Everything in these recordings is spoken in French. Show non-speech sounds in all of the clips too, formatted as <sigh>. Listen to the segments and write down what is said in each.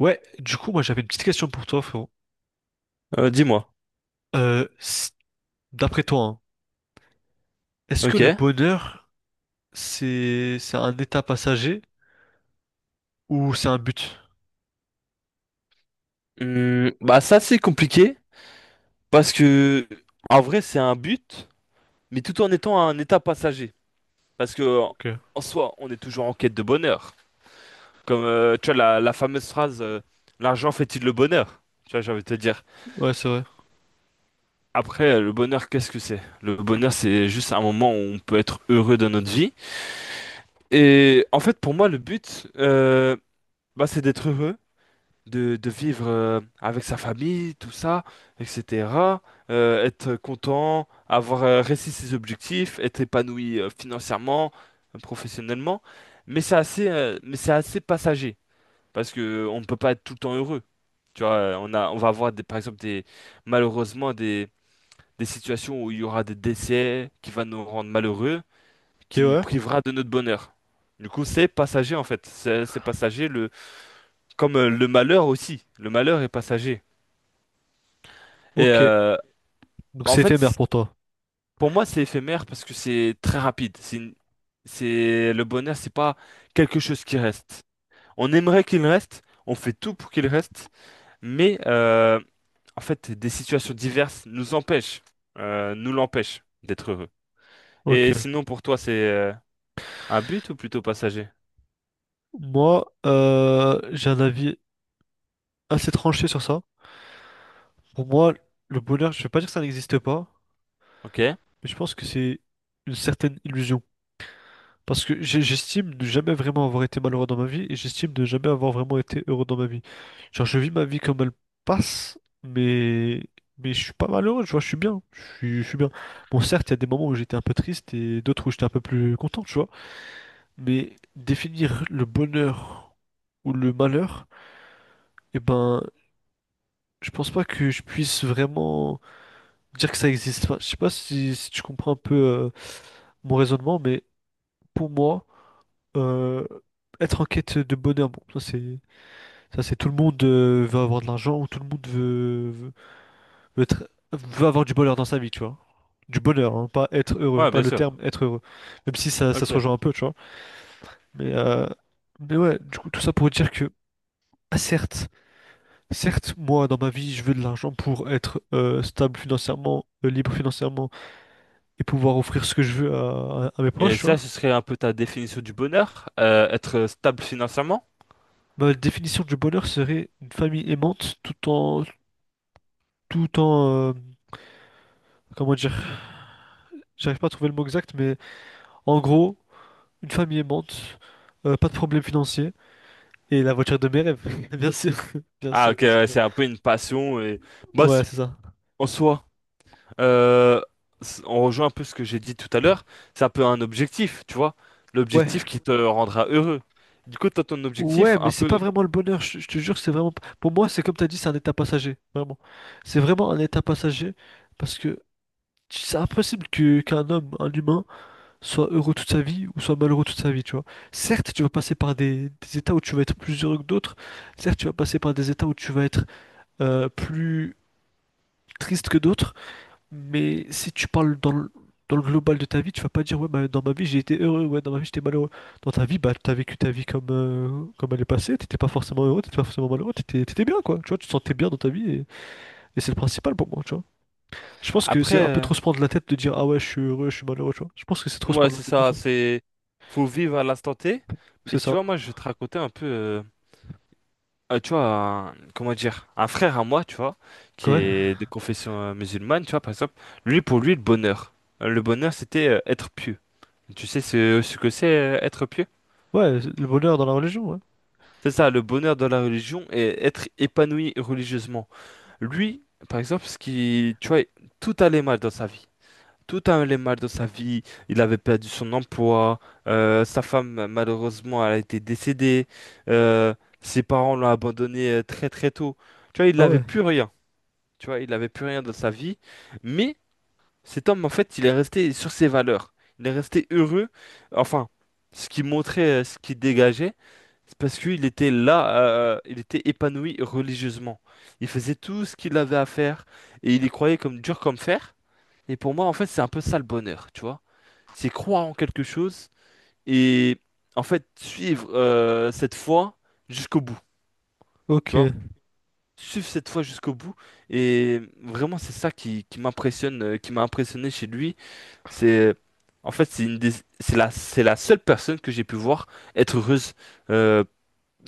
Ouais, du coup, moi j'avais une petite question pour toi, frérot. Dis-moi. Euh, s- D'après toi, hein, est-ce que le Ok. bonheur, c'est un état passager ou c'est un but? Bah ça c'est compliqué parce que en vrai c'est un but, mais tout en étant un état passager. Parce que Ok. en soi on est toujours en quête de bonheur. Comme tu vois la fameuse phrase l'argent fait-il le bonheur? Tu vois j'ai envie de te dire. Ouais, c'est vrai. Après le bonheur qu'est-ce que c'est? Le bonheur c'est juste un moment où on peut être heureux dans notre vie. Et en fait pour moi le but bah, c'est d'être heureux de vivre avec sa famille, tout ça, etc., être content, avoir réussi ses objectifs, être épanoui financièrement, professionnellement. Mais c'est assez passager parce que on ne peut pas être tout le temps heureux. Tu vois, on va avoir des, par exemple des, malheureusement des situations où il y aura des décès qui va nous rendre malheureux, qui Et nous ouais. privera de notre bonheur. Du coup, c'est passager en fait. C'est passager le, comme le malheur aussi. Le malheur est passager. Et Ok. Donc bah, en c'est fait, éphémère pour toi. pour moi, c'est éphémère parce que c'est très rapide. C'est le bonheur, c'est pas quelque chose qui reste. On aimerait qu'il reste, on fait tout pour qu'il reste, mais en fait, des situations diverses nous empêchent, nous l'empêchent d'être heureux. Ok. Et sinon, pour toi, c'est un but ou plutôt passager? Moi, j'ai un avis assez tranché sur ça. Pour moi, le bonheur, je vais pas dire que ça n'existe pas, Ok. mais je pense que c'est une certaine illusion. Parce que j'estime ne jamais vraiment avoir été malheureux dans ma vie et j'estime ne jamais avoir vraiment été heureux dans ma vie. Genre, je vis ma vie comme elle passe, mais, mais je suis pas malheureux, tu vois, je suis bien. Je suis bien. Bon, certes, il y a des moments où j'étais un peu triste et d'autres où j'étais un peu plus content, tu vois. Mais définir le bonheur ou le malheur, eh ben, je pense pas que je puisse vraiment dire que ça existe pas. Je sais pas si tu comprends un peu mon raisonnement, mais pour moi, euh, être en quête de bonheur, bon, ça c'est tout le monde veut avoir de l'argent ou tout le monde veut veut avoir du bonheur dans sa vie, tu vois. Du bonheur, hein, pas être heureux, Ouais, pas bien le sûr. terme être heureux. Même si ça se Ok. rejoint un peu, tu vois. Mais, euh, mais ouais, du coup, tout ça pour dire que, ah, certes, moi, dans ma vie, je veux de l'argent pour être stable financièrement, libre financièrement et pouvoir offrir ce que je veux à mes Et proches, tu ça, ce vois. serait un peu ta définition du bonheur, être stable financièrement. Ma définition du bonheur serait une famille aimante tout en, tout en, euh, comment dire, j'arrive pas à trouver le mot exact, mais en gros, une famille aimante, pas de problème financier et la voiture de mes rêves, <laughs> bien sûr, <laughs> Ah, ok, bien sûr. ouais, c'est un peu une passion et bah, Ouais, c'est ça. en soi. Euh, on rejoint un peu ce que j'ai dit tout à l'heure, c'est un peu un objectif, tu vois, l'objectif Ouais, qui te rendra heureux. Du coup, t'as ton objectif ouais, mais un c'est pas peu vraiment le bonheur, je te jure, c'est vraiment, pour moi, c'est comme t'as dit, c'est un état passager, vraiment. C'est vraiment un état passager parce que c'est impossible que qu'un homme, un humain soit heureux toute sa vie ou soit malheureux toute sa vie, tu vois. Certes, tu vas passer par des états où tu vas être plus heureux que d'autres, certes, tu vas passer par des états où tu vas être plus triste que d'autres, mais si tu parles dans le global de ta vie, tu vas pas dire, ouais, bah, dans ma vie j'ai été heureux, ouais, dans ma vie j'étais malheureux. Dans ta vie, bah, t'as vécu ta vie comme elle est passée, t'étais pas forcément heureux, t'étais pas forcément malheureux, t'étais bien, quoi. Tu vois, tu te sentais bien dans ta vie et c'est le principal pour moi, tu vois. Je pense que c'est après, un peu trop se prendre la tête de dire, ah ouais, je suis heureux, je suis malheureux, tu vois. Je pense que c'est trop se ouais, prendre la c'est tête, ça, perso. c'est faut vivre à l'instant T, mais C'est tu ça. vois, moi, je vais te raconter un peu, tu vois, comment dire, un frère à moi, tu vois, qui Ouais. est de confession musulmane, tu vois, par exemple, lui, pour lui, le bonheur, c'était être pieux. Tu sais ce que c'est être pieux? Ouais, le bonheur dans la religion, ouais. C'est ça, le bonheur dans la religion et être épanoui religieusement. Lui, par exemple, ce qui, tu vois, tout allait mal dans sa vie. Tout allait mal dans sa vie. Il avait perdu son emploi. Sa femme, malheureusement, elle a été décédée. euh, Ses parents l'ont abandonné très très tôt. Tu vois, il Ah n'avait ouais, plus rien. Tu vois, il n'avait plus rien dans sa vie. Mais cet homme, en fait, il est resté sur ses valeurs. Il est resté heureux. Enfin, ce qui montrait, ce qui dégageait. C'est parce qu'il était là, il était épanoui religieusement. Il faisait tout ce qu'il avait à faire et il y croyait comme dur comme fer. Et pour moi, en fait, c'est un peu ça le bonheur, tu vois. C'est croire en quelque chose et en fait suivre cette foi jusqu'au bout, ok. tu vois. Suivre cette foi jusqu'au bout. Et vraiment, c'est ça qui m'impressionne, qui m'a impressionné chez lui. C'est en fait, c'est la seule personne que j'ai pu voir être heureuse euh,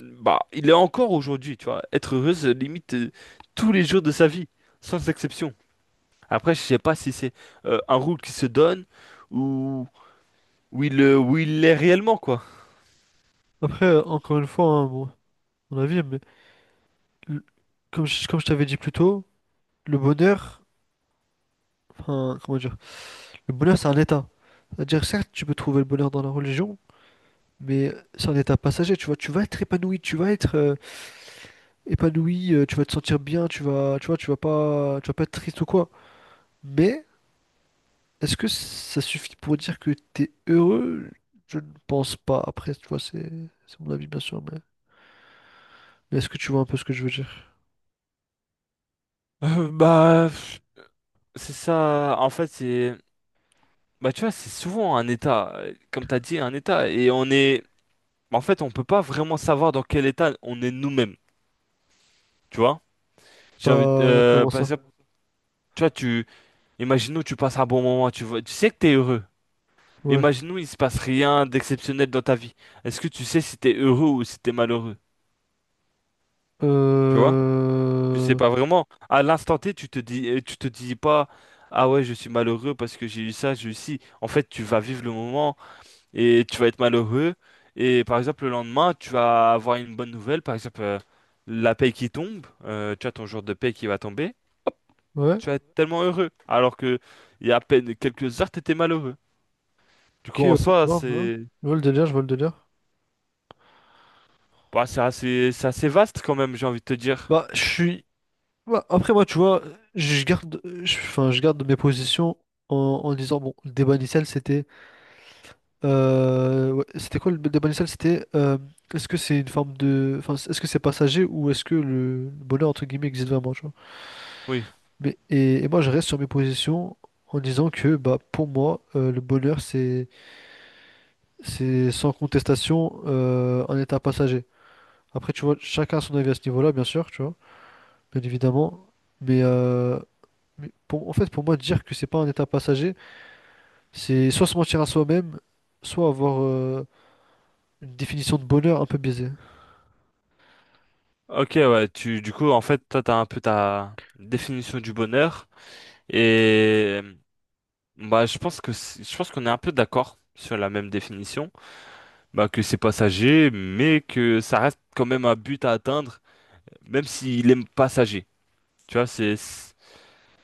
bah, il est encore aujourd'hui, tu vois. Être heureux, c'est limite tous les jours de sa vie, sans exception. Après, je sais pas si c'est un rôle qui se donne ou où il l'est réellement, quoi. Après, encore une fois, hein, bon, mon avis, mais le- comme comme je t'avais dit plus tôt, le bonheur, enfin, comment dire, le bonheur, c'est un état. C'est-à-dire, certes, tu peux trouver le bonheur dans la religion, mais c'est un état passager, tu vois, tu vas être épanoui, tu vas être épanoui, tu vas te sentir bien, tu vas, tu vois, tu vas pas être triste ou quoi. Mais, est-ce que ça suffit pour dire que t'es heureux? Je ne pense pas. Après, tu vois, c'est mon avis, bien sûr, mais est-ce que tu vois un peu ce que je veux dire? Bah, pff, c'est ça. En fait, c'est. Bah, tu vois, c'est souvent un état, comme t'as dit, un état. Et on est. En fait, on peut pas vraiment savoir dans quel état on est nous-mêmes, tu vois. Bah, comment Par ça? exemple, tu vois, tu. Imaginons, tu passes un bon moment, tu vois, tu sais que t'es heureux. Ouais. Imaginons, il se passe rien d'exceptionnel dans ta vie. Est-ce que tu sais si t'es heureux ou si t'es malheureux? Tu vois? Tu sais Euh... pas vraiment. À l'instant T, tu te dis pas, ah ouais, je suis malheureux parce que j'ai eu ça, j'ai eu ci. En fait, tu vas vivre le moment et tu vas être malheureux. Et par exemple, le lendemain, tu vas avoir une bonne nouvelle, par exemple, la paye qui tombe, tu as ton jour de paye qui va tomber. Hop, Ouais. tu vas être tellement heureux. Alors que il y a à peine quelques heures, t'étais malheureux. Du Ok, coup, en ouais, je soi, vois, je vois. c'est Je vois le délire, je vois le délire. bah, c'est assez vaste quand même, j'ai envie de te dire. Bah, je suis... bah, après, moi, tu vois, enfin, je garde mes positions en disant, bon, le débat initial, c'était... ouais, c'était quoi le débat initial? C'était, est-ce que c'est une forme de... Enfin, est-ce que c'est passager ou est-ce que le bonheur, entre guillemets, existe vraiment, tu vois? Oui. Mais, et moi, je reste sur mes positions en disant que, bah, pour moi, le bonheur, c'est... C'est sans contestation un état passager. Après, tu vois, chacun a son avis à ce niveau-là, bien sûr, tu vois, bien évidemment. Mais, euh, mais pour, en fait, pour moi, dire que c'est pas un état passager, c'est soit se mentir à soi-même, soit avoir une définition de bonheur un peu biaisée. Ok, ouais, tu, du coup, en fait, toi, t'as un peu ta définition du bonheur. Et, bah, je pense que, je pense qu'on est un peu d'accord sur la même définition. Bah, que c'est passager, mais que ça reste quand même un but à atteindre, même s'il est passager. Tu vois,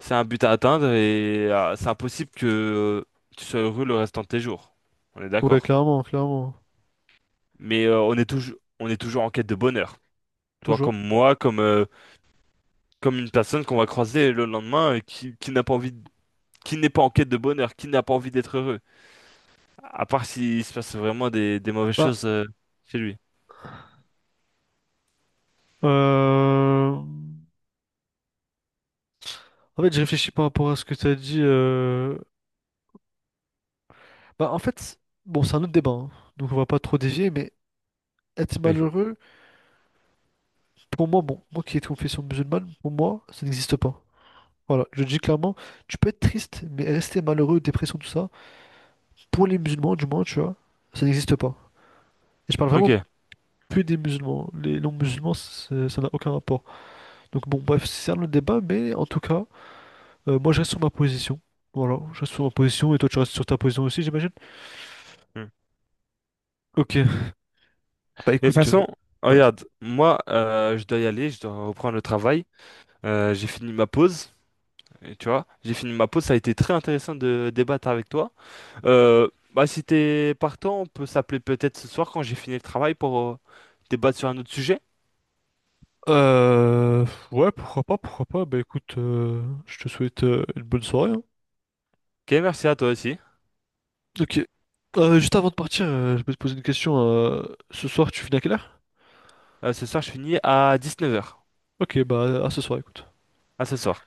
c'est un but à atteindre et c'est impossible que tu sois heureux le restant de tes jours. On est Ouais, d'accord. clairement, clairement, Mais on est toujours en quête de bonheur. Toi toujours. comme moi, comme une personne qu'on va croiser le lendemain et qui n'a pas envie de- qui n'est pas en quête de bonheur, qui n'a pas envie d'être heureux. À part s'il se passe vraiment des mauvaises Bah, choses chez lui. euh... en fait, je réfléchis par rapport à ce que tu as dit. Bah, en fait, bon, c'est un autre débat, hein, donc on va pas trop dévier, mais être Oui. malheureux. Pour moi, bon, moi qui ai de confession musulmane, pour moi, ça n'existe pas. Voilà, je le dis clairement, tu peux être triste, mais rester malheureux, dépression, tout ça, pour les musulmans, du moins, tu vois, ça n'existe pas. Et je parle Ok. vraiment que des musulmans. Les non-musulmans, ça n'a aucun rapport. Donc bon, bref, c'est un autre débat, mais en tout cas, moi je reste sur ma position. Voilà, je reste sur ma position, et toi tu restes sur ta position aussi, j'imagine? Hmm. Ok, bah De toute écoute, façon, ouais. regarde, moi, je dois y aller, je dois reprendre le travail. J'ai fini ma pause, et tu vois, j'ai fini ma pause. Ça a été très intéressant de débattre avec toi. Bah, si t'es partant, on peut s'appeler peut-être ce soir quand j'ai fini le travail pour débattre sur un autre sujet. Ouais, pourquoi pas, bah écoute, je te souhaite une bonne soirée, hein. Ok, merci à toi aussi. Ok. Juste avant de partir, je peux te poser une question. Ce soir, tu finis à quelle heure? Ce soir, je finis à 19h. Ok, bah à ce soir, écoute. À ce soir.